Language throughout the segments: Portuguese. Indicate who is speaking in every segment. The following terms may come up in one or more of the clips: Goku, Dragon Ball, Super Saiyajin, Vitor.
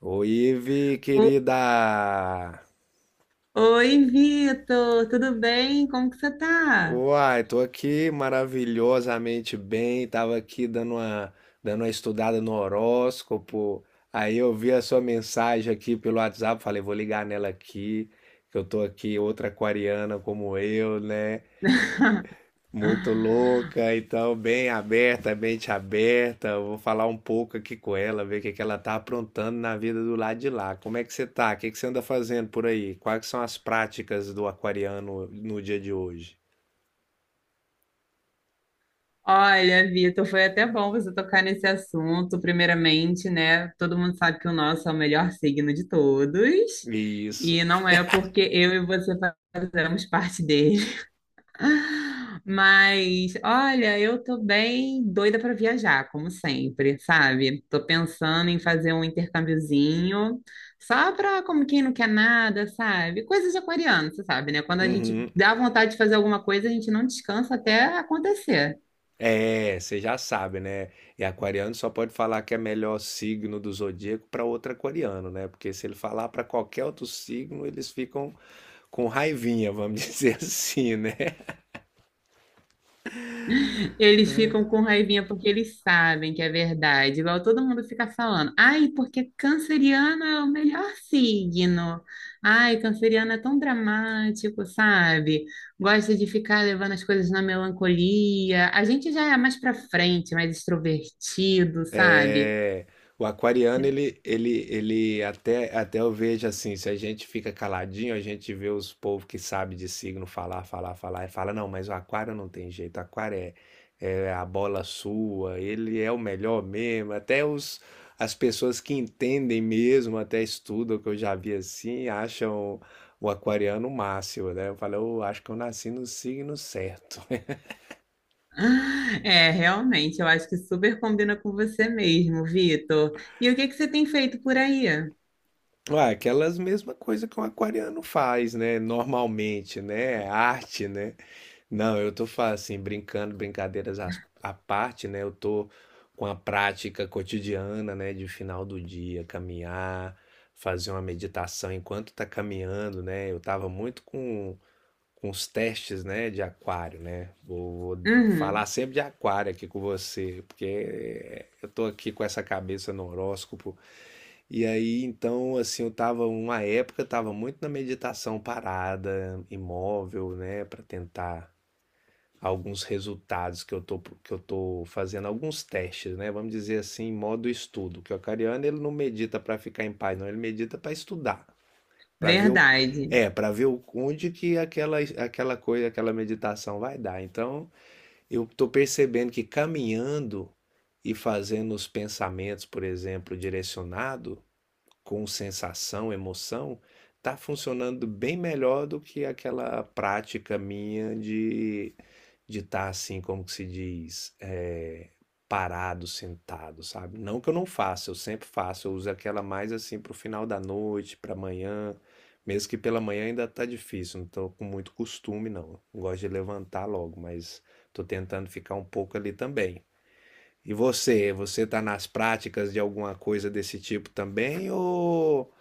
Speaker 1: Oi, Ive,
Speaker 2: O-
Speaker 1: querida!
Speaker 2: Oi, Vitor, tudo bem? Como que você tá?
Speaker 1: Uai, tô aqui maravilhosamente bem, tava aqui dando uma estudada no horóscopo, aí eu vi a sua mensagem aqui pelo WhatsApp, falei, vou ligar nela aqui, que eu tô aqui, outra aquariana como eu, né? Muito louca, então bem aberta, mente aberta. Eu vou falar um pouco aqui com ela, ver o que que ela tá aprontando na vida do lado de lá. Como é que você tá? O que que você anda fazendo por aí? Quais que são as práticas do aquariano no dia de hoje?
Speaker 2: Olha, Vitor, foi até bom você tocar nesse assunto. Primeiramente, né? Todo mundo sabe que o nosso é o melhor signo de todos,
Speaker 1: Isso.
Speaker 2: e não é porque eu e você fazemos parte dele. Mas, olha, eu tô bem doida para viajar, como sempre, sabe? Tô pensando em fazer um intercâmbiozinho, só pra como quem não quer nada, sabe? Coisa de aquariano, você sabe, né? Quando a gente
Speaker 1: Uhum.
Speaker 2: dá vontade de fazer alguma coisa, a gente não descansa até acontecer.
Speaker 1: É, você já sabe, né? E aquariano só pode falar que é melhor signo do zodíaco para outro aquariano, né? Porque se ele falar para qualquer outro signo, eles ficam com raivinha, vamos dizer assim, né?
Speaker 2: Eles ficam com raivinha porque eles sabem que é verdade. Igual todo mundo fica falando. Ai, porque canceriano é o melhor signo. Ai, canceriano é tão dramático, sabe? Gosta de ficar levando as coisas na melancolia. A gente já é mais pra frente, mais extrovertido, sabe?
Speaker 1: É, o aquariano, ele até, eu vejo assim, se a gente fica caladinho, a gente vê os povos que sabem de signo falar, e fala, não, mas o aquário não tem jeito, o aquário é, é a bola sua, ele é o melhor mesmo, as pessoas que entendem mesmo, até estudam, que eu já vi assim, acham o aquariano o máximo, né? Eu falo, eu acho que eu nasci no signo certo.
Speaker 2: Ah, é, realmente, eu acho que super combina com você mesmo, Vitor. E o que que você tem feito por aí?
Speaker 1: Ah, aquelas mesma coisa que um aquariano faz, né? Normalmente, né? Arte, né? Não, eu assim, brincando, à parte, né? Eu tô com a prática cotidiana, né? De final do dia, caminhar, fazer uma meditação enquanto tá caminhando, né? Eu tava com os testes, né? De aquário, né? Vou falar
Speaker 2: Uhum,
Speaker 1: sempre de aquário aqui com você, porque eu tô aqui com essa cabeça no horóscopo e aí, então, assim, eu tava muito na meditação parada, imóvel, né, para tentar alguns resultados que eu tô fazendo alguns testes, né? Vamos dizer assim, em modo estudo, que o acariano ele não medita para ficar em paz, não, ele medita para estudar, para ver o
Speaker 2: verdade.
Speaker 1: é, para ver onde que aquela coisa, aquela meditação vai dar. Então, eu tô percebendo que caminhando e fazendo os pensamentos, por exemplo, direcionado com sensação, emoção, tá funcionando bem melhor do que aquela prática minha de estar assim, como que se diz, parado, sentado, sabe? Não que eu não faça, eu sempre faço, eu uso aquela mais assim para o final da noite, pra manhã, mesmo que pela manhã ainda tá difícil, não estou com muito costume não. Eu gosto de levantar logo, mas estou tentando ficar um pouco ali também. E você tá nas práticas de alguma coisa desse tipo também ou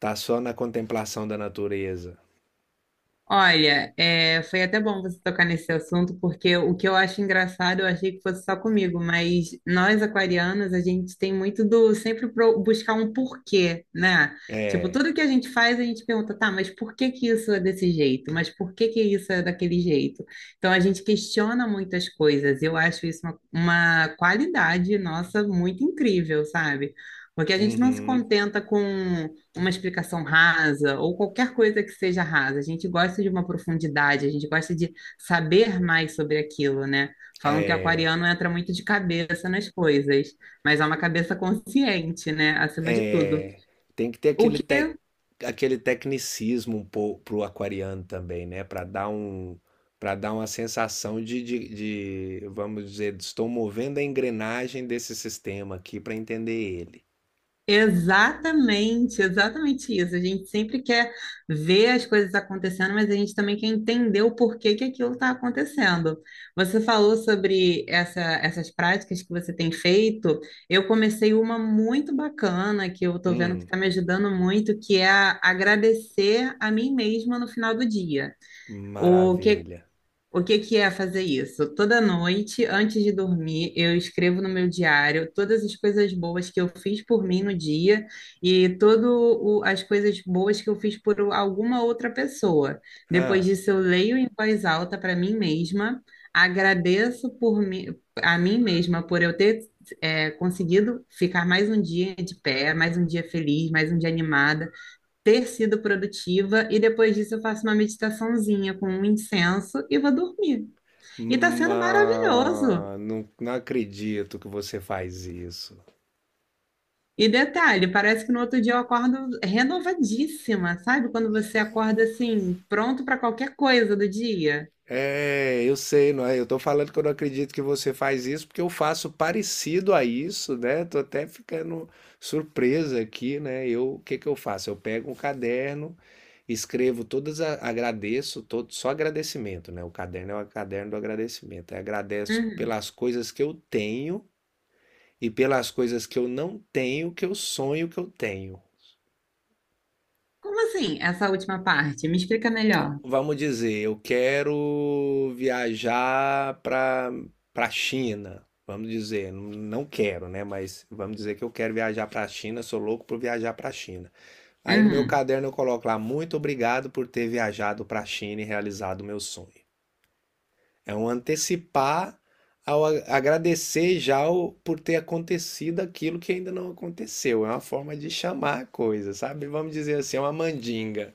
Speaker 1: tá só na contemplação da natureza.
Speaker 2: Olha, foi até bom você tocar nesse assunto, porque o que eu acho engraçado, eu achei que fosse só comigo, mas nós aquarianos, a gente tem muito do sempre buscar um porquê, né? Tipo,
Speaker 1: É.
Speaker 2: tudo que a gente faz, a gente pergunta, tá, mas por que que isso é desse jeito? Mas por que que isso é daquele jeito? Então a gente questiona muitas coisas. Eu acho isso uma qualidade nossa muito incrível, sabe? Porque a gente não se
Speaker 1: Uhum.
Speaker 2: contenta com uma explicação rasa ou qualquer coisa que seja rasa. A gente gosta de uma profundidade, a gente gosta de saber mais sobre aquilo, né? Falam que
Speaker 1: É.
Speaker 2: aquariano entra muito de cabeça nas coisas, mas é uma cabeça consciente, né? Acima de tudo.
Speaker 1: É. Tem que ter
Speaker 2: O
Speaker 1: aquele,
Speaker 2: que
Speaker 1: aquele tecnicismo um pouco pro aquariano também, né? Para dar uma sensação vamos dizer, estou movendo a engrenagem desse sistema aqui para entender ele.
Speaker 2: Exatamente, exatamente isso. A gente sempre quer ver as coisas acontecendo, mas a gente também quer entender o porquê que aquilo está acontecendo. Você falou sobre essas práticas que você tem feito. Eu comecei uma muito bacana que eu estou vendo que
Speaker 1: Hum,
Speaker 2: está me ajudando muito, que é agradecer a mim mesma no final do dia.
Speaker 1: maravilha.
Speaker 2: O que que é fazer isso? Toda noite, antes de dormir, eu escrevo no meu diário todas as coisas boas que eu fiz por mim no dia e todas as coisas boas que eu fiz por alguma outra pessoa. Depois
Speaker 1: Ah,
Speaker 2: disso, eu leio em voz alta para mim mesma, agradeço por mim, a mim mesma por eu ter conseguido ficar mais um dia de pé, mais um dia feliz, mais um dia animada ter sido produtiva e depois disso eu faço uma meditaçãozinha com um incenso e vou dormir. E tá sendo maravilhoso.
Speaker 1: mas não acredito que você faz isso.
Speaker 2: E detalhe, parece que no outro dia eu acordo renovadíssima, sabe? Quando você acorda assim, pronto para qualquer coisa do dia.
Speaker 1: É, eu sei, não é? Eu tô falando que eu não acredito que você faz isso, porque eu faço parecido a isso, né? Tô até ficando surpresa aqui, né? Eu, o que que eu faço? Eu pego um caderno, escrevo todas, agradeço, todo, só agradecimento, né? O caderno é o caderno do agradecimento. Eu agradeço
Speaker 2: Uhum.
Speaker 1: pelas coisas que eu tenho e pelas coisas que eu não tenho, que eu sonho que eu tenho.
Speaker 2: Como assim, essa última parte? Me explica melhor.
Speaker 1: Vamos dizer, eu quero viajar para China, vamos dizer, não quero, né? Mas vamos dizer que eu quero viajar para a China, sou louco por viajar para a China. Aí no meu
Speaker 2: Uhum.
Speaker 1: caderno eu coloco lá, muito obrigado por ter viajado para a China e realizado o meu sonho. É um antecipar ao agradecer já por ter acontecido aquilo que ainda não aconteceu. É uma forma de chamar a coisa, sabe? Vamos dizer assim, é uma mandinga.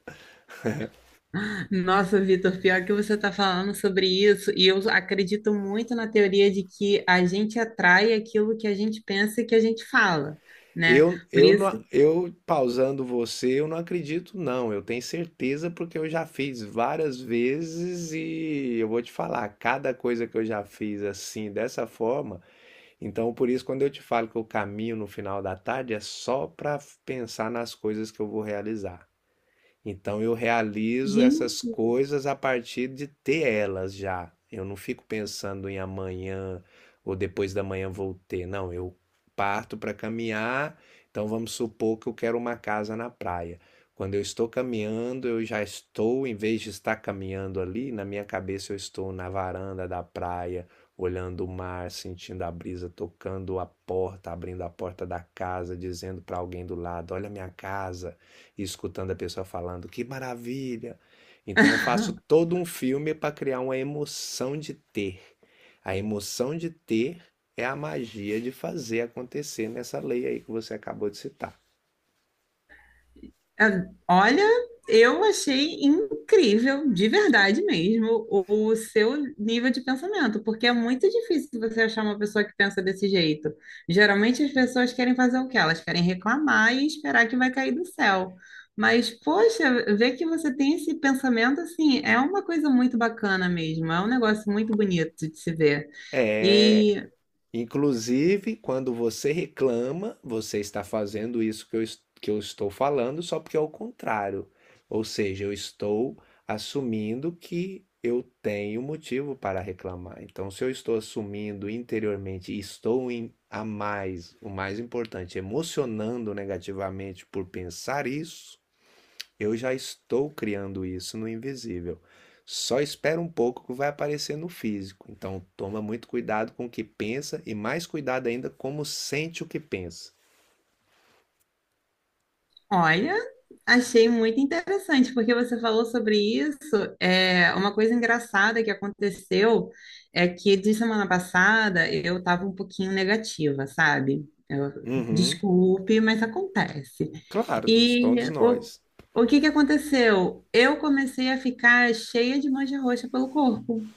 Speaker 2: Nossa, Vitor, pior que você está falando sobre isso, e eu acredito muito na teoria de que a gente atrai aquilo que a gente pensa e que a gente fala, né? Por isso.
Speaker 1: Eu pausando você, eu não acredito, não. Eu tenho certeza porque eu já fiz várias vezes e eu vou te falar, cada coisa que eu já fiz assim, dessa forma. Então, por isso, quando eu te falo que eu caminho no final da tarde, é só para pensar nas coisas que eu vou realizar. Então eu realizo
Speaker 2: Gente,
Speaker 1: essas coisas a partir de ter elas já. Eu não fico pensando em amanhã ou depois da manhã vou ter. Não, eu parto para caminhar. Então vamos supor que eu quero uma casa na praia. Quando eu estou caminhando, eu já estou, em vez de estar caminhando ali, na minha cabeça eu estou na varanda da praia, olhando o mar, sentindo a brisa, tocando a porta, abrindo a porta da casa, dizendo para alguém do lado: Olha a minha casa e escutando a pessoa falando que maravilha. Então eu faço todo um filme para criar uma emoção de ter. A emoção de ter é a magia de fazer acontecer nessa lei aí que você acabou de citar.
Speaker 2: olha, eu achei incrível, de verdade mesmo, o seu nível de pensamento, porque é muito difícil você achar uma pessoa que pensa desse jeito. Geralmente as pessoas querem fazer o quê? Elas querem reclamar e esperar que vai cair do céu. Mas, poxa, ver que você tem esse pensamento assim é uma coisa muito bacana mesmo, é um negócio muito bonito de se ver.
Speaker 1: É.
Speaker 2: E
Speaker 1: Inclusive, quando você reclama, você está fazendo isso que eu estou falando, só porque é o contrário. Ou seja, eu estou assumindo que eu tenho motivo para reclamar. Então, se eu estou assumindo interiormente estou em, o mais importante, emocionando negativamente por pensar isso, eu já estou criando isso no invisível. Só espera um pouco que vai aparecer no físico. Então, toma muito cuidado com o que pensa e mais cuidado ainda como sente o que pensa.
Speaker 2: Olha, achei muito interessante, porque você falou sobre isso. É, uma coisa engraçada que aconteceu é que de semana passada eu estava um pouquinho negativa, sabe?
Speaker 1: Uhum,
Speaker 2: Desculpe, mas acontece.
Speaker 1: claro,
Speaker 2: E
Speaker 1: todos
Speaker 2: o,
Speaker 1: nós.
Speaker 2: o que que aconteceu? Eu comecei a ficar cheia de mancha roxa pelo corpo.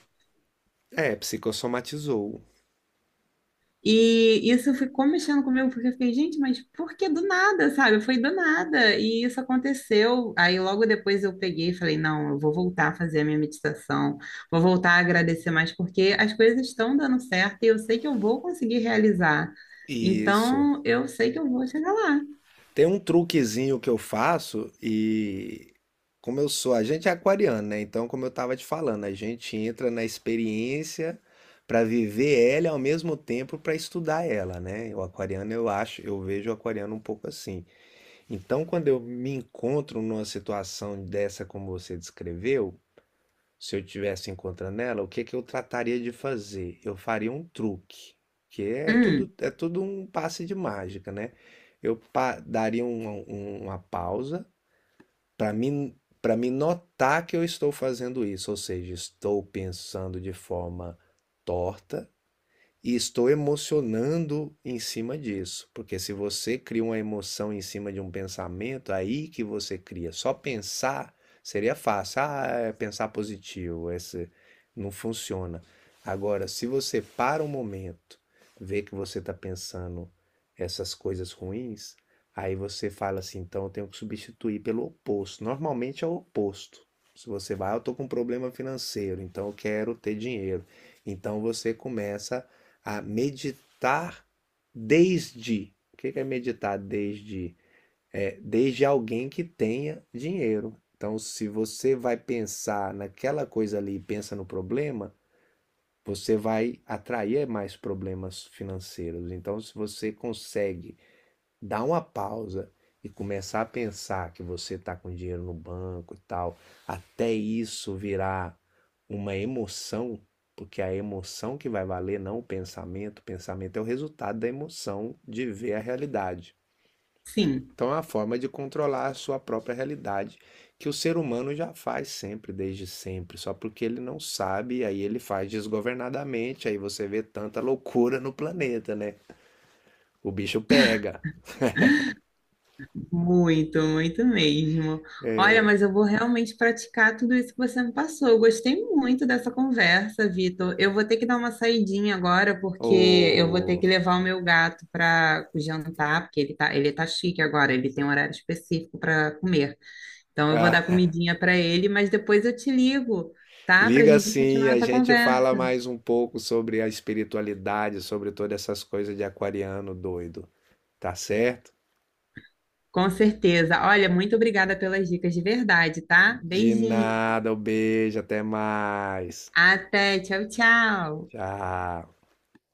Speaker 1: É, psicossomatizou.
Speaker 2: E isso ficou mexendo comigo, porque eu fiquei, gente, mas por que do nada, sabe? Foi do nada. E isso aconteceu. Aí logo depois eu peguei e falei, não, eu vou voltar a fazer a minha meditação, vou voltar a agradecer mais, porque as coisas estão dando certo e eu sei que eu vou conseguir realizar.
Speaker 1: Isso.
Speaker 2: Então, eu sei que eu vou chegar lá.
Speaker 1: Tem um truquezinho que eu faço e como eu sou, a gente é aquariano, né? Então, como eu tava te falando, a gente entra na experiência para viver ela e ao mesmo tempo para estudar ela, né? O aquariano, eu acho, eu vejo o aquariano um pouco assim. Então, quando eu me encontro numa situação dessa como você descreveu, se eu tivesse encontrando ela, o que que eu trataria de fazer? Eu faria um truque, que é
Speaker 2: Hum,
Speaker 1: tudo um passe de mágica, né? Daria uma pausa para mim para me notar que eu estou fazendo isso, ou seja, estou pensando de forma torta e estou emocionando em cima disso, porque se você cria uma emoção em cima de um pensamento, é aí que você cria. Só pensar seria fácil. Ah, é pensar positivo, esse não funciona. Agora, se você para um momento, vê que você está pensando essas coisas ruins, aí você fala assim, então eu tenho que substituir pelo oposto. Normalmente é o oposto. Se você vai, ah, eu estou com um problema financeiro, então eu quero ter dinheiro. Então você começa a meditar desde. O que é meditar desde? É, desde alguém que tenha dinheiro. Então, se você vai pensar naquela coisa ali e pensa no problema, você vai atrair mais problemas financeiros. Então, se você consegue dar uma pausa e começar a pensar que você está com dinheiro no banco e tal, até isso virar uma emoção, porque a emoção que vai valer, não o pensamento, o pensamento é o resultado da emoção de ver a realidade.
Speaker 2: sim.
Speaker 1: Então é uma forma de controlar a sua própria realidade, que o ser humano já faz sempre, desde sempre, só porque ele não sabe, aí ele faz desgovernadamente, aí você vê tanta loucura no planeta, né? O bicho pega.
Speaker 2: Muito, muito mesmo. Olha, mas eu vou realmente praticar tudo isso que você me passou. Eu gostei muito dessa conversa, Vitor. Eu vou ter que dar uma saidinha agora, porque eu vou ter
Speaker 1: O...
Speaker 2: que levar o meu gato para jantar, porque ele tá chique agora, ele tem um horário específico para comer. Então eu vou
Speaker 1: Ah,
Speaker 2: dar comidinha para ele, mas depois eu te ligo, tá? Para a
Speaker 1: liga
Speaker 2: gente
Speaker 1: sim,
Speaker 2: continuar
Speaker 1: a
Speaker 2: essa
Speaker 1: gente fala
Speaker 2: conversa.
Speaker 1: mais um pouco sobre a espiritualidade, sobre todas essas coisas de aquariano doido, tá certo?
Speaker 2: Com certeza. Olha, muito obrigada pelas dicas de verdade, tá?
Speaker 1: De
Speaker 2: Beijinho.
Speaker 1: nada, um beijo, até mais.
Speaker 2: Até, tchau, tchau.
Speaker 1: Tchau.